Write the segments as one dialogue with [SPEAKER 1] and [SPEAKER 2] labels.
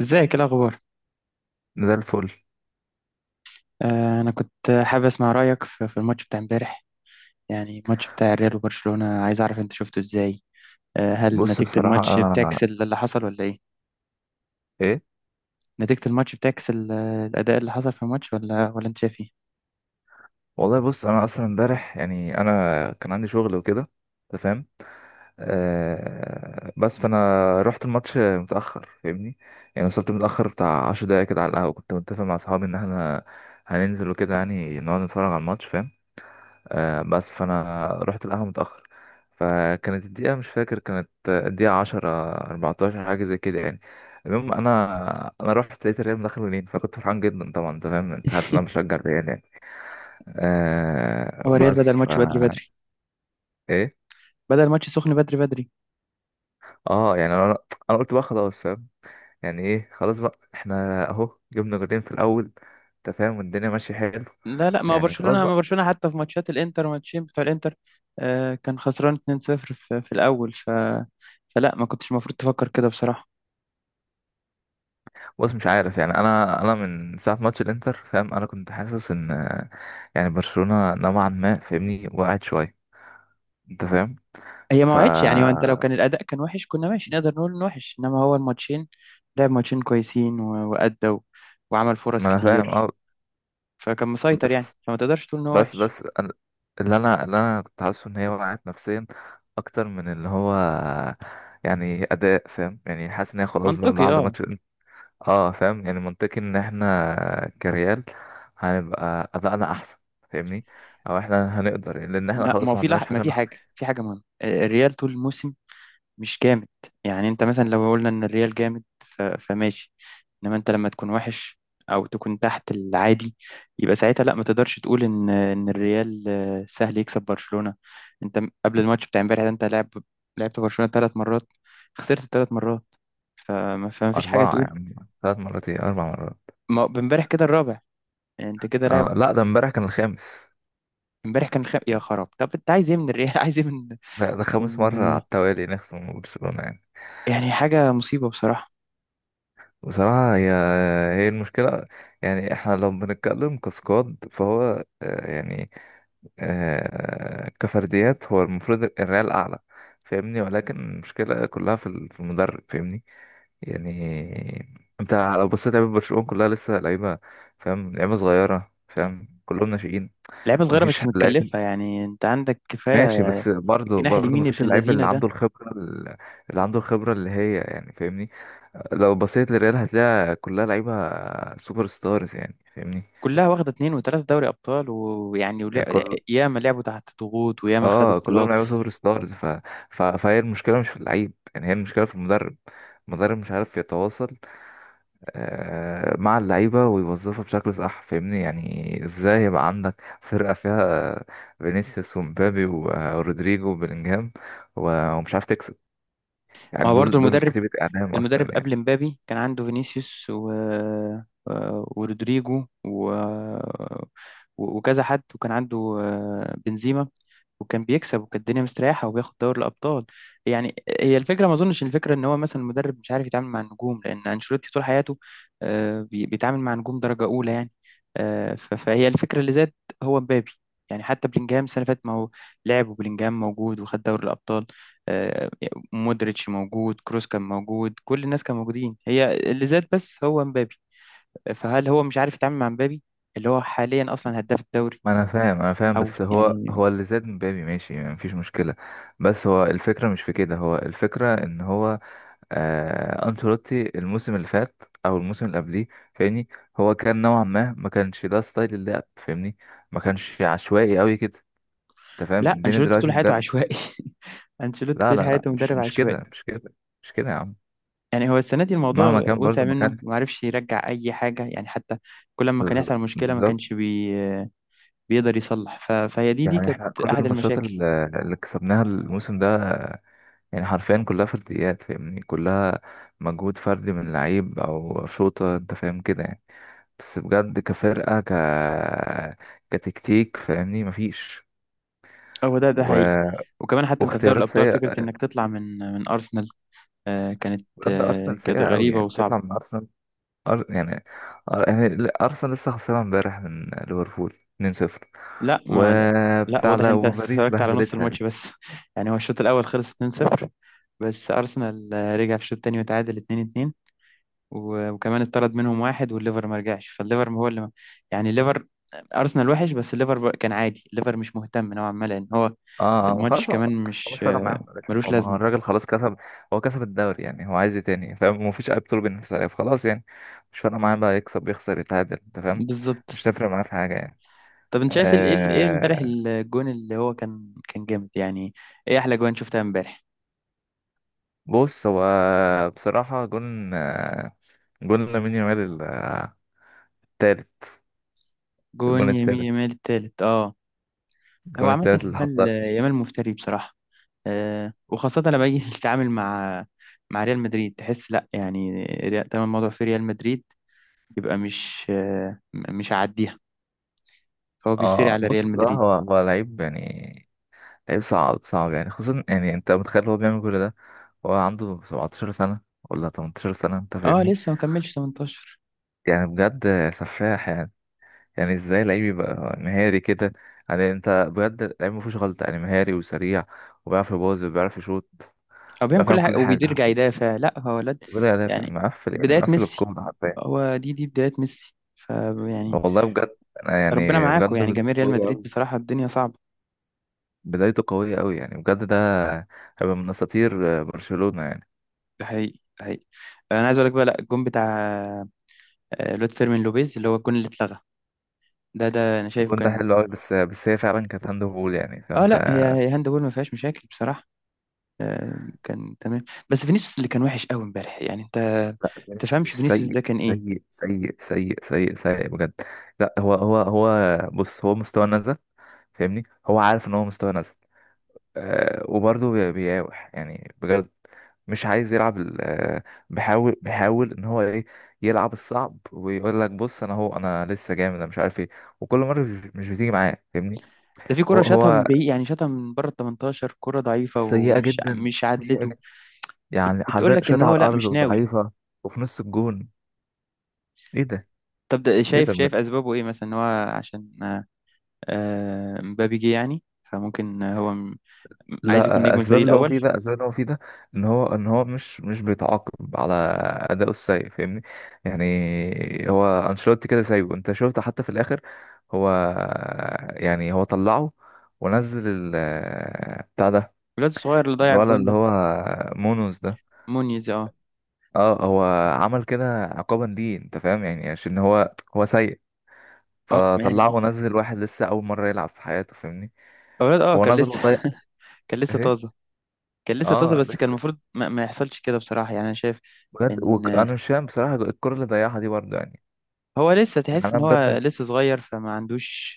[SPEAKER 1] ازيك، ايه الاخبار؟
[SPEAKER 2] زي الفل.
[SPEAKER 1] انا كنت حابب اسمع رايك في الماتش بتاع امبارح. يعني الماتش بتاع الريال وبرشلونه، عايز اعرف انت شفته ازاي؟ هل نتيجه الماتش بتعكس
[SPEAKER 2] بصراحة
[SPEAKER 1] اللي حصل ولا ايه؟
[SPEAKER 2] ايه
[SPEAKER 1] نتيجه الماتش بتعكس الاداء اللي حصل في الماتش، ولا انت شايف ايه؟
[SPEAKER 2] والله بص، انا اصلا امبارح يعني انا كان عندي شغل وكده، انت فاهم؟ آه، بس فانا رحت الماتش متأخر، فاهمني؟ يعني وصلت متأخر بتاع عشر دقايق كده على القهوة، كنت متفق مع اصحابي ان احنا هننزل وكده، يعني نقعد نتفرج على الماتش، فاهم؟ آه، بس فانا رحت القهوه متاخر، فكانت الدقيقه مش فاكر، كانت الدقيقه 10، 14 حاجه زي كده يعني. المهم انا، انا رحت لقيت الريال مدخل جولين، فكنت فرحان جدا طبعا، انت فاهم، انت عارف ان انا بشجع الريال يعني. آه
[SPEAKER 1] هو الريال بدأ
[SPEAKER 2] بس ف
[SPEAKER 1] الماتش بدري بدري.
[SPEAKER 2] ايه
[SPEAKER 1] بدأ الماتش سخن بدري بدري.
[SPEAKER 2] اه يعني انا، انا قلت بقى خلاص، فاهم؟ يعني ايه، خلاص بقى احنا اهو جبنا جولين في الاول، انت فاهم، والدنيا ماشيه حلو.
[SPEAKER 1] لا، لا، ما هو
[SPEAKER 2] يعني خلاص
[SPEAKER 1] برشلونه ما
[SPEAKER 2] بقى.
[SPEAKER 1] برشلونه حتى في ماتشات الانتر، ماتشين بتوع الانتر. كان خسران 2-0 في الاول، فلا ما كنتش المفروض تفكر كده بصراحه.
[SPEAKER 2] بص مش عارف يعني، انا، انا من ساعه ماتش الانتر، فاهم؟ انا كنت حاسس ان، يعني برشلونة نوعا ما فاهمني وقعت شوية، انت فاهم؟
[SPEAKER 1] هي ما
[SPEAKER 2] ف
[SPEAKER 1] وعدش يعني، وانت لو كان الاداء كان وحش كنا ماشي نقدر نقول انه وحش، انما هو الماتشين. لعب ماتشين كويسين وادى وعمل فرص
[SPEAKER 2] ما انا فاهم.
[SPEAKER 1] كتير.
[SPEAKER 2] اه،
[SPEAKER 1] فكان مسيطر يعني،
[SPEAKER 2] بس
[SPEAKER 1] فما تقدرش تقول ان هو
[SPEAKER 2] بس
[SPEAKER 1] وحش.
[SPEAKER 2] بس أنا- اللي انا، اللي انا كنت حاسه ان هي وقعت نفسيا اكتر من اللي هو يعني اداء، فاهم؟ يعني حاسس ان هي خلاص بقى
[SPEAKER 1] منطقي،
[SPEAKER 2] بعد
[SPEAKER 1] اه.
[SPEAKER 2] ماتش. اه، فاهم يعني، منطقي ان احنا كريال هنبقى ادائنا احسن، فاهمني؟ او احنا هنقدر لان احنا
[SPEAKER 1] لا، ما
[SPEAKER 2] خلاص
[SPEAKER 1] هو
[SPEAKER 2] ما
[SPEAKER 1] في
[SPEAKER 2] عندناش
[SPEAKER 1] ما
[SPEAKER 2] حاجة
[SPEAKER 1] في
[SPEAKER 2] نخ...
[SPEAKER 1] حاجه في حاجه مهمه، الريال طول الموسم مش جامد. يعني انت مثلا لو قلنا ان الريال جامد فماشي. انما انت لما تكون وحش او تكون تحت العادي، يبقى ساعتها لا ما تقدرش تقول ان الريال سهل يكسب برشلونة. انت قبل الماتش بتاع امبارح ده انت لعبت برشلونة 3 مرات. خسرت 3 مرات، فما فيش حاجة
[SPEAKER 2] اربعة
[SPEAKER 1] تقول.
[SPEAKER 2] يعني، ثلاث مرات، ايه اربع مرات.
[SPEAKER 1] ما امبارح كده الرابع، يعني انت كده لاعب.
[SPEAKER 2] اه لا، ده امبارح كان الخامس.
[SPEAKER 1] امبارح كان يا خراب. طب انت عايز ايه من الريال؟ عايز ايه من
[SPEAKER 2] ده، ده خامس
[SPEAKER 1] من
[SPEAKER 2] مرة على التوالي نخسر من برشلونة يعني.
[SPEAKER 1] يعني؟ حاجة مصيبة بصراحة.
[SPEAKER 2] بصراحة هي، هي المشكلة، يعني احنا لو بنتكلم كسكواد فهو، آه، يعني آه، كفرديات هو المفروض الريال أعلى، فاهمني؟ ولكن المشكلة كلها في ال- في المدرب، فاهمني؟ يعني انت لو بصيت لعيبة برشلونة كلها لسه لعيبة، فاهم؟ لعيبة صغيرة، فاهم؟ كلهم ناشئين،
[SPEAKER 1] لعيبه صغيره
[SPEAKER 2] مفيش
[SPEAKER 1] بس
[SPEAKER 2] لعيب
[SPEAKER 1] متكلفه، يعني انت عندك كفايه.
[SPEAKER 2] ماشي. بس برضه
[SPEAKER 1] الجناح
[SPEAKER 2] برضه
[SPEAKER 1] اليمين
[SPEAKER 2] مفيش
[SPEAKER 1] ابن
[SPEAKER 2] اللعيب
[SPEAKER 1] اللذينه
[SPEAKER 2] اللي
[SPEAKER 1] ده.
[SPEAKER 2] عنده الخبرة ال- اللي عنده الخبرة اللي هي يعني فاهمني، لو بصيت للريال هتلاقي كلها لعيبة سوبر ستارز يعني، فاهمني؟
[SPEAKER 1] كلها واخده 2 و3 دوري ابطال، ويعني
[SPEAKER 2] كل،
[SPEAKER 1] ياما لعبوا تحت ضغوط وياما خدوا
[SPEAKER 2] اه كلهم
[SPEAKER 1] بطولات.
[SPEAKER 2] لعيبة سوبر ستارز ف... ف... فهي المشكلة مش في اللعيب، يعني هي المشكلة في المدرب. المدرب مش عارف يتواصل، آه، مع اللعيبة ويوظفها بشكل صح، فاهمني؟ يعني ازاي يبقى عندك فرقة فيها فينيسيوس ومبابي و- ورودريجو وبيلينجهام و- ومش عارف تكسب؟
[SPEAKER 1] ما هو
[SPEAKER 2] يعني
[SPEAKER 1] برضه
[SPEAKER 2] دول، دول
[SPEAKER 1] المدرب.
[SPEAKER 2] كتيبة اعدام اصلا يعني.
[SPEAKER 1] قبل مبابي كان عنده فينيسيوس ورودريجو وكذا حد، وكان عنده بنزيما. وكان بيكسب وكانت الدنيا مستريحه، وبياخد دوري الابطال يعني. هي الفكره، ما اظنش الفكره ان هو مثلا المدرب مش عارف يتعامل مع النجوم، لان انشيلوتي طول حياته بيتعامل مع نجوم درجه اولى يعني. فهي الفكره اللي زاد هو مبابي. يعني حتى بلينجهام السنه اللي فاتت، ما هو لعب وبلينجهام موجود وخد دوري الابطال. آه، مودريتش موجود، كروس كان موجود، كل الناس كانوا موجودين، هي اللي زاد بس هو مبابي. فهل هو مش عارف يتعامل مع مبابي اللي هو حاليا اصلا هداف الدوري؟
[SPEAKER 2] ما انا فاهم، انا فاهم.
[SPEAKER 1] او
[SPEAKER 2] بس هو،
[SPEAKER 1] يعني.
[SPEAKER 2] هو اللي زاد مبابي ماشي، يعني مفيش مشكله. بس هو الفكره مش في كده، هو الفكره ان هو آه انشيلوتي الموسم اللي فات او الموسم اللي قبليه، فاهمني؟ هو كان نوعا ما ما كانش ده ستايل اللعب، فاهمني؟ ما كانش عشوائي قوي كده، انت فاهم
[SPEAKER 1] لا،
[SPEAKER 2] الدنيا
[SPEAKER 1] انشيلوتي
[SPEAKER 2] دلوقتي
[SPEAKER 1] طول حياته
[SPEAKER 2] بجد.
[SPEAKER 1] عشوائي. انشيلوتي
[SPEAKER 2] لا
[SPEAKER 1] طول
[SPEAKER 2] لا لا
[SPEAKER 1] حياته
[SPEAKER 2] مش،
[SPEAKER 1] مدرب
[SPEAKER 2] مش
[SPEAKER 1] عشوائي.
[SPEAKER 2] كده مش كده، مش كده يا عم.
[SPEAKER 1] يعني هو السنه دي
[SPEAKER 2] مهما
[SPEAKER 1] الموضوع
[SPEAKER 2] كان
[SPEAKER 1] وسع
[SPEAKER 2] برضه ما
[SPEAKER 1] منه
[SPEAKER 2] كان.
[SPEAKER 1] وما عرفش يرجع اي حاجه، يعني حتى كل ما كان
[SPEAKER 2] بز-
[SPEAKER 1] يحصل مشكله ما
[SPEAKER 2] بالظبط
[SPEAKER 1] كانش بيقدر يصلح، فهي دي
[SPEAKER 2] يعني
[SPEAKER 1] كانت
[SPEAKER 2] احنا كل
[SPEAKER 1] احد
[SPEAKER 2] الماتشات
[SPEAKER 1] المشاكل.
[SPEAKER 2] اللي اللي كسبناها الموسم ده، يعني حرفيا كلها فرديات، فاهمني؟ كلها مجهود فردي من لعيب او شوطة، انت فاهم كده يعني. بس بجد كفرقة، ك كتكتيك فاهمني مفيش،
[SPEAKER 1] هو ده حقيقي.
[SPEAKER 2] و...
[SPEAKER 1] وكمان حتى انت في دوري
[SPEAKER 2] واختيارات
[SPEAKER 1] الابطال فكره
[SPEAKER 2] سيئة.
[SPEAKER 1] انك تطلع من ارسنال كانت
[SPEAKER 2] بجد أرسنال
[SPEAKER 1] كانت
[SPEAKER 2] سيئة أوي،
[SPEAKER 1] غريبة
[SPEAKER 2] يعني
[SPEAKER 1] وصعبة.
[SPEAKER 2] تطلع من أرسنال؟ أر... يعني أر... يعني ل- أرسنال لسه خسران امبارح من ليفربول 2-0
[SPEAKER 1] لا ما لا, لا
[SPEAKER 2] وبتاع
[SPEAKER 1] واضح
[SPEAKER 2] ده،
[SPEAKER 1] انت
[SPEAKER 2] وباريس
[SPEAKER 1] اتفرجت على نص
[SPEAKER 2] بهدلتها.
[SPEAKER 1] الماتش بس. يعني هو الشوط الأول خلص 2-0. بس أرسنال رجع في الشوط التاني وتعادل 2-2. وكمان اتطرد منهم واحد، والليفر ما رجعش، فالليفر هو اللي ما يعني، الليفر. أرسنال وحش بس الليفر كان عادي، الليفر مش مهتم نوعا ما لأن هو
[SPEAKER 2] اه ما
[SPEAKER 1] الماتش
[SPEAKER 2] خلاص، هو
[SPEAKER 1] كمان
[SPEAKER 2] هو
[SPEAKER 1] مش
[SPEAKER 2] مش فارق معاهم يا باشا،
[SPEAKER 1] ملوش
[SPEAKER 2] هو ما هو
[SPEAKER 1] لازمة.
[SPEAKER 2] الراجل خلاص كسب، هو كسب الدوري، يعني هو عايز ايه تاني؟ فاهم؟ ما فيش اي بطوله بينافس عليها، فخلاص يعني مش فارق معاه بقى يكسب يخسر يتعادل، انت فاهم؟ مش
[SPEAKER 1] بالظبط.
[SPEAKER 2] تفرق معاه في حاجه يعني.
[SPEAKER 1] طب انت شايف ايه امبارح
[SPEAKER 2] آه
[SPEAKER 1] الجون اللي هو كان جامد يعني؟ ايه احلى جوان شفتها امبارح؟
[SPEAKER 2] بص هو، بصراحه جون آه، جون لامين يامال التالت. الجون
[SPEAKER 1] جون يمين
[SPEAKER 2] التالت،
[SPEAKER 1] يمال التالت، اه. هو
[SPEAKER 2] الجون
[SPEAKER 1] عامة،
[SPEAKER 2] التالت اللي
[SPEAKER 1] يمال
[SPEAKER 2] حطه.
[SPEAKER 1] يمال مفتري بصراحة. وخاصة لما يجي يتعامل مع ريال مدريد تحس لا يعني تمام الموضوع في ريال مدريد. يبقى مش آه م- مش هعديها. فهو بيفتري
[SPEAKER 2] اه
[SPEAKER 1] على
[SPEAKER 2] بص
[SPEAKER 1] ريال
[SPEAKER 2] بصراحه
[SPEAKER 1] مدريد.
[SPEAKER 2] هو هو لعيب يعني، لعيب صعب، صعب يعني، خصوصا يعني انت متخيل هو بيعمل كل ده هو عنده 17 سنه ولا 18 سنه؟ انت
[SPEAKER 1] اه،
[SPEAKER 2] فاهمني؟
[SPEAKER 1] لسه ما كملش 18.
[SPEAKER 2] يعني بجد سفاح يعني. يعني ازاي لعيب يبقى مهاري كده؟ يعني انت بجد لعيب مفيهوش غلطة يعني، مهاري وسريع وبيعرف يباظ وبيعرف يشوط،
[SPEAKER 1] هو بيعمل
[SPEAKER 2] بيعرف
[SPEAKER 1] كل
[SPEAKER 2] يعمل
[SPEAKER 1] حاجة
[SPEAKER 2] كل حاجة
[SPEAKER 1] وبيرجع
[SPEAKER 2] حرفيا،
[SPEAKER 1] يدافع، لا هو ولد
[SPEAKER 2] وبدا يدافع
[SPEAKER 1] يعني،
[SPEAKER 2] مقفل يعني،
[SPEAKER 1] بداية
[SPEAKER 2] مقفل
[SPEAKER 1] ميسي.
[SPEAKER 2] الكورة حرفيا.
[SPEAKER 1] هو دي بداية ميسي، يعني.
[SPEAKER 2] والله بجد، أنا
[SPEAKER 1] ربنا
[SPEAKER 2] يعني
[SPEAKER 1] معاكم
[SPEAKER 2] بجد
[SPEAKER 1] يعني جماهير
[SPEAKER 2] بدايته
[SPEAKER 1] ريال
[SPEAKER 2] قوية
[SPEAKER 1] مدريد،
[SPEAKER 2] أوي،
[SPEAKER 1] بصراحة الدنيا صعبة.
[SPEAKER 2] بدايته قوية أوي يعني، بجد ده هيبقى من أساطير برشلونة يعني.
[SPEAKER 1] ده حقيقي، ده حقيقي. انا عايز اقول لك بقى، لا الجون بتاع الواد فيرمين لوبيز اللي هو الجون اللي اتلغى. ده انا شايفه
[SPEAKER 2] الجون ده
[SPEAKER 1] كان.
[SPEAKER 2] حلو أوي، بس، بس هي فعلا كانت هاند بول يعني، فاهم؟
[SPEAKER 1] اه
[SPEAKER 2] ف
[SPEAKER 1] لا، هي هاند بول ما فيهاش مشاكل بصراحه. كان تمام. بس فينيسيوس اللي كان وحش قوي امبارح، يعني انت
[SPEAKER 2] لا،
[SPEAKER 1] تفهمش
[SPEAKER 2] فينيسيوس
[SPEAKER 1] فينيسيوس
[SPEAKER 2] سيء
[SPEAKER 1] ده كان ايه؟
[SPEAKER 2] سيء سيء سيء سيء سيء بجد. لا هو هو بص، هو مستوى نزل، فاهمني؟ هو عارف ان هو مستوى نزل. أه، وبرضه بيقاوح يعني بجد، مش عايز يلعب ال- آه، بيحاول، بيحاول ان هو ايه، يلعب الصعب ويقول لك بص انا، هو انا لسه جامد انا مش عارف ايه، وكل مره مش بتيجي معاه، فاهمني؟
[SPEAKER 1] ده في
[SPEAKER 2] هو
[SPEAKER 1] كرة شاطها من
[SPEAKER 2] هو
[SPEAKER 1] بعيد، يعني شاطها من بره ال 18، كرة ضعيفة
[SPEAKER 2] سيئه
[SPEAKER 1] ومش
[SPEAKER 2] جدا،
[SPEAKER 1] مش
[SPEAKER 2] سيئه
[SPEAKER 1] عدلته.
[SPEAKER 2] جدا، يعني
[SPEAKER 1] بتقول
[SPEAKER 2] حرفيا
[SPEAKER 1] لك ان
[SPEAKER 2] شاطعه على
[SPEAKER 1] هو لا
[SPEAKER 2] الارض
[SPEAKER 1] مش ناوي.
[SPEAKER 2] وضعيفه، وفي نص الجون. ايه ده؟
[SPEAKER 1] طب ده
[SPEAKER 2] ايه ده
[SPEAKER 1] شايف
[SPEAKER 2] بجد؟
[SPEAKER 1] شايف اسبابه ايه مثلا، ان هو عشان مبابي جه يعني. فممكن هو عايز يكون
[SPEAKER 2] لا،
[SPEAKER 1] نجم الفريق
[SPEAKER 2] اسباب اللي هو
[SPEAKER 1] الاول.
[SPEAKER 2] فيه ده، اسباب اللي هو فيه ده ان هو، ان هو مش بيتعاقب على اداؤه السيء، فاهمني؟ يعني هو انشيلوتي كده سايبه، انت شفت حتى في الاخر هو، يعني هو طلعه ونزل ال بتاع ده
[SPEAKER 1] الواد الصغير اللي ضيع
[SPEAKER 2] الولد
[SPEAKER 1] الجون
[SPEAKER 2] اللي
[SPEAKER 1] ده،
[SPEAKER 2] هو مونوس ده.
[SPEAKER 1] مونيز، اه.
[SPEAKER 2] اه، هو عمل كده عقابا ليه، انت فاهم يعني؟ عشان هو هو سيء، فطلعه
[SPEAKER 1] يعني
[SPEAKER 2] ونزل واحد لسه اول مره يلعب في حياته، فاهمني؟
[SPEAKER 1] اولاد اه
[SPEAKER 2] هو
[SPEAKER 1] كان
[SPEAKER 2] نزل
[SPEAKER 1] لسه
[SPEAKER 2] وطيب
[SPEAKER 1] كان لسه
[SPEAKER 2] اهي،
[SPEAKER 1] طازه. كان لسه طازه،
[SPEAKER 2] اه
[SPEAKER 1] بس كان
[SPEAKER 2] لسه.
[SPEAKER 1] المفروض ما يحصلش كده بصراحه يعني انا شايف
[SPEAKER 2] بجد وك...
[SPEAKER 1] ان
[SPEAKER 2] انا مش فاهم بصراحه الكره اللي ضيعها دي برضه يعني.
[SPEAKER 1] هو لسه،
[SPEAKER 2] يعني
[SPEAKER 1] تحس
[SPEAKER 2] انا
[SPEAKER 1] ان هو
[SPEAKER 2] بجد،
[SPEAKER 1] لسه صغير فما عندوش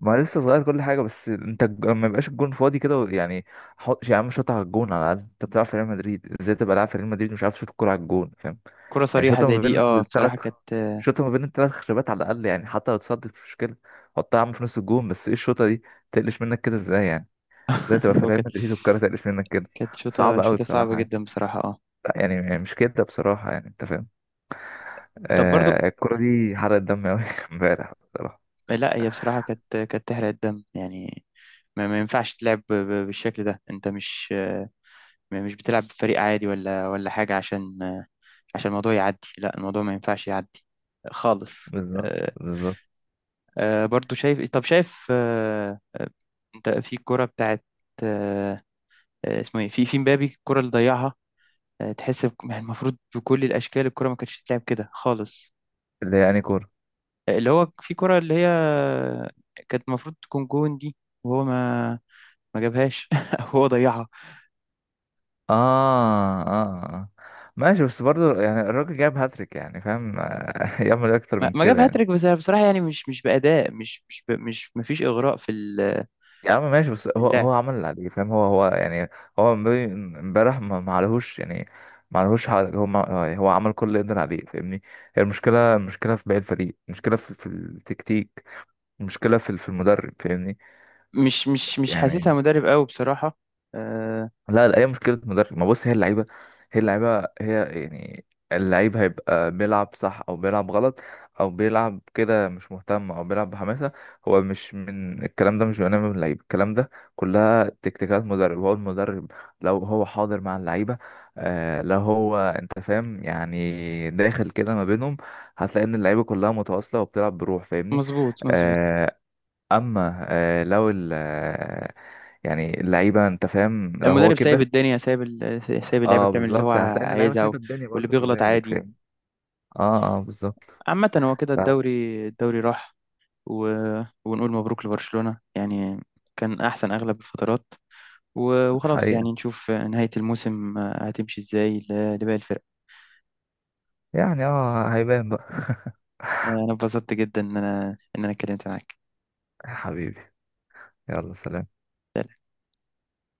[SPEAKER 2] ما أنا لسه صغير كل حاجه، بس انت الج- ما يبقاش الجون فاضي كده و- يعني حط يا عم شوطها على الجون على الاقل، انت بتلعب في ريال مدريد، ازاي تبقى لاعب في ريال مدريد ومش عارف تشوط الكره على الجون؟ فاهم؟
[SPEAKER 1] كره
[SPEAKER 2] يعني
[SPEAKER 1] صريحه
[SPEAKER 2] شوطها
[SPEAKER 1] زي
[SPEAKER 2] ما
[SPEAKER 1] دي،
[SPEAKER 2] بين
[SPEAKER 1] اه
[SPEAKER 2] الثلاث،
[SPEAKER 1] بصراحه كانت
[SPEAKER 2] شوطها ما بين الثلاث خشبات على الاقل، يعني حتى لو اتصدت مش مشكله. حطها يا عم في نص الجون، بس ايه الشوطه دي؟ تقلش منك كده ازاي يعني؟ ازاي تبقى في
[SPEAKER 1] هو
[SPEAKER 2] ريال
[SPEAKER 1] كانت
[SPEAKER 2] مدريد والكره تقلش منك كده؟
[SPEAKER 1] شوطه
[SPEAKER 2] صعبه قوي
[SPEAKER 1] شوطه صعبه
[SPEAKER 2] بصراحه يعني،
[SPEAKER 1] جدا بصراحه اه.
[SPEAKER 2] لا يعني، يعني مش كده بصراحه يعني، انت فاهم.
[SPEAKER 1] طب برضو،
[SPEAKER 2] آه الكورة دي حرقت دم أوي امبارح بصراحة.
[SPEAKER 1] لا هي بصراحه كانت تحرق الدم يعني. ما ينفعش تلعب بالشكل ده، انت مش بتلعب بفريق عادي ولا حاجه، عشان الموضوع يعدي، لا الموضوع ما ينفعش يعدي خالص.
[SPEAKER 2] بالظبط،
[SPEAKER 1] آه،
[SPEAKER 2] بالظبط.
[SPEAKER 1] برضو شايف، طب شايف انت في الكرة بتاعت آه اسمه ايه في مبابي الكرة اللي ضيعها. تحس يعني المفروض بكل الاشكال الكرة ما كانتش تتلعب كده خالص.
[SPEAKER 2] اللي هي يعني كورة.
[SPEAKER 1] اللي هو في كرة اللي هي كانت المفروض تكون جون دي، وهو ما جابهاش هو ضيعها.
[SPEAKER 2] آه آه آه، ماشي بس برضه يعني الراجل جاب هاتريك يعني، فاهم؟ آه، يعمل إيه أكتر
[SPEAKER 1] ما,
[SPEAKER 2] من
[SPEAKER 1] ما جاب
[SPEAKER 2] كده يعني؟
[SPEAKER 1] هاتريك، بس أنا بصراحة يعني مش بأداء، مش مش ب... مش ما فيش إغراء
[SPEAKER 2] يا عم ماشي، بس
[SPEAKER 1] في
[SPEAKER 2] هو
[SPEAKER 1] اللعب.
[SPEAKER 2] هو عمل اللي عليه، فاهم؟ هو يعني هو امبارح، امبارح ما، ما عليهوش يعني، ما عليهوش حاجة، هو ما هو عمل كل اللي يقدر عليه، فاهمني؟ هي المشكلة، المشكلة في باقي الفريق، المشكلة في، في التكتيك، المشكلة في في المدرب، فاهمني؟
[SPEAKER 1] مش حاسسها
[SPEAKER 2] يعني
[SPEAKER 1] مدرب قوي بصراحة. آه
[SPEAKER 2] لا لا، هي مشكله مدرب. ما بص، هي اللعيبه، هي اللعيبه هي يعني، اللعيب هيبقى بيلعب صح او بيلعب غلط، او بيلعب كده مش مهتم، او بيلعب بحماسه. هو مش، من الكلام ده مش بيبقى نابع من اللعيب الكلام ده، كلها تكتيكات مدرب. هو المدرب لو هو حاضر مع اللعيبه، آه لو هو انت فاهم يعني داخل كده ما بينهم، هتلاقي ان اللعيبه كلها متواصله وبتلعب بروح، فاهمني؟
[SPEAKER 1] مظبوط مظبوط.
[SPEAKER 2] آه. اما آه لو ال آه، يعني اللعيبه انت فاهم لو هو
[SPEAKER 1] المدرب سايب
[SPEAKER 2] كده.
[SPEAKER 1] الدنيا، سايب سايب اللعيبه
[SPEAKER 2] اه
[SPEAKER 1] بتعمل اللي هو
[SPEAKER 2] بالظبط، هتلاقي ان اللعيبه
[SPEAKER 1] عايزها،
[SPEAKER 2] سايبه الدنيا
[SPEAKER 1] واللي
[SPEAKER 2] برضه
[SPEAKER 1] بيغلط
[SPEAKER 2] كذلك،
[SPEAKER 1] عادي.
[SPEAKER 2] فاهم؟ اه اه بالظبط.
[SPEAKER 1] عامه هو كده
[SPEAKER 2] ف-
[SPEAKER 1] الدوري، الدوري راح، و... ونقول مبروك لبرشلونه يعني. كان احسن اغلب الفترات، وخلاص
[SPEAKER 2] حقيقه،
[SPEAKER 1] يعني نشوف نهايه الموسم هتمشي ازاي لباقي الفرق.
[SPEAKER 2] يعني اه هيبان بقى
[SPEAKER 1] انا اتبسطت جدا ان انا اتكلمت معاك.
[SPEAKER 2] حبيبي، يلا سلام.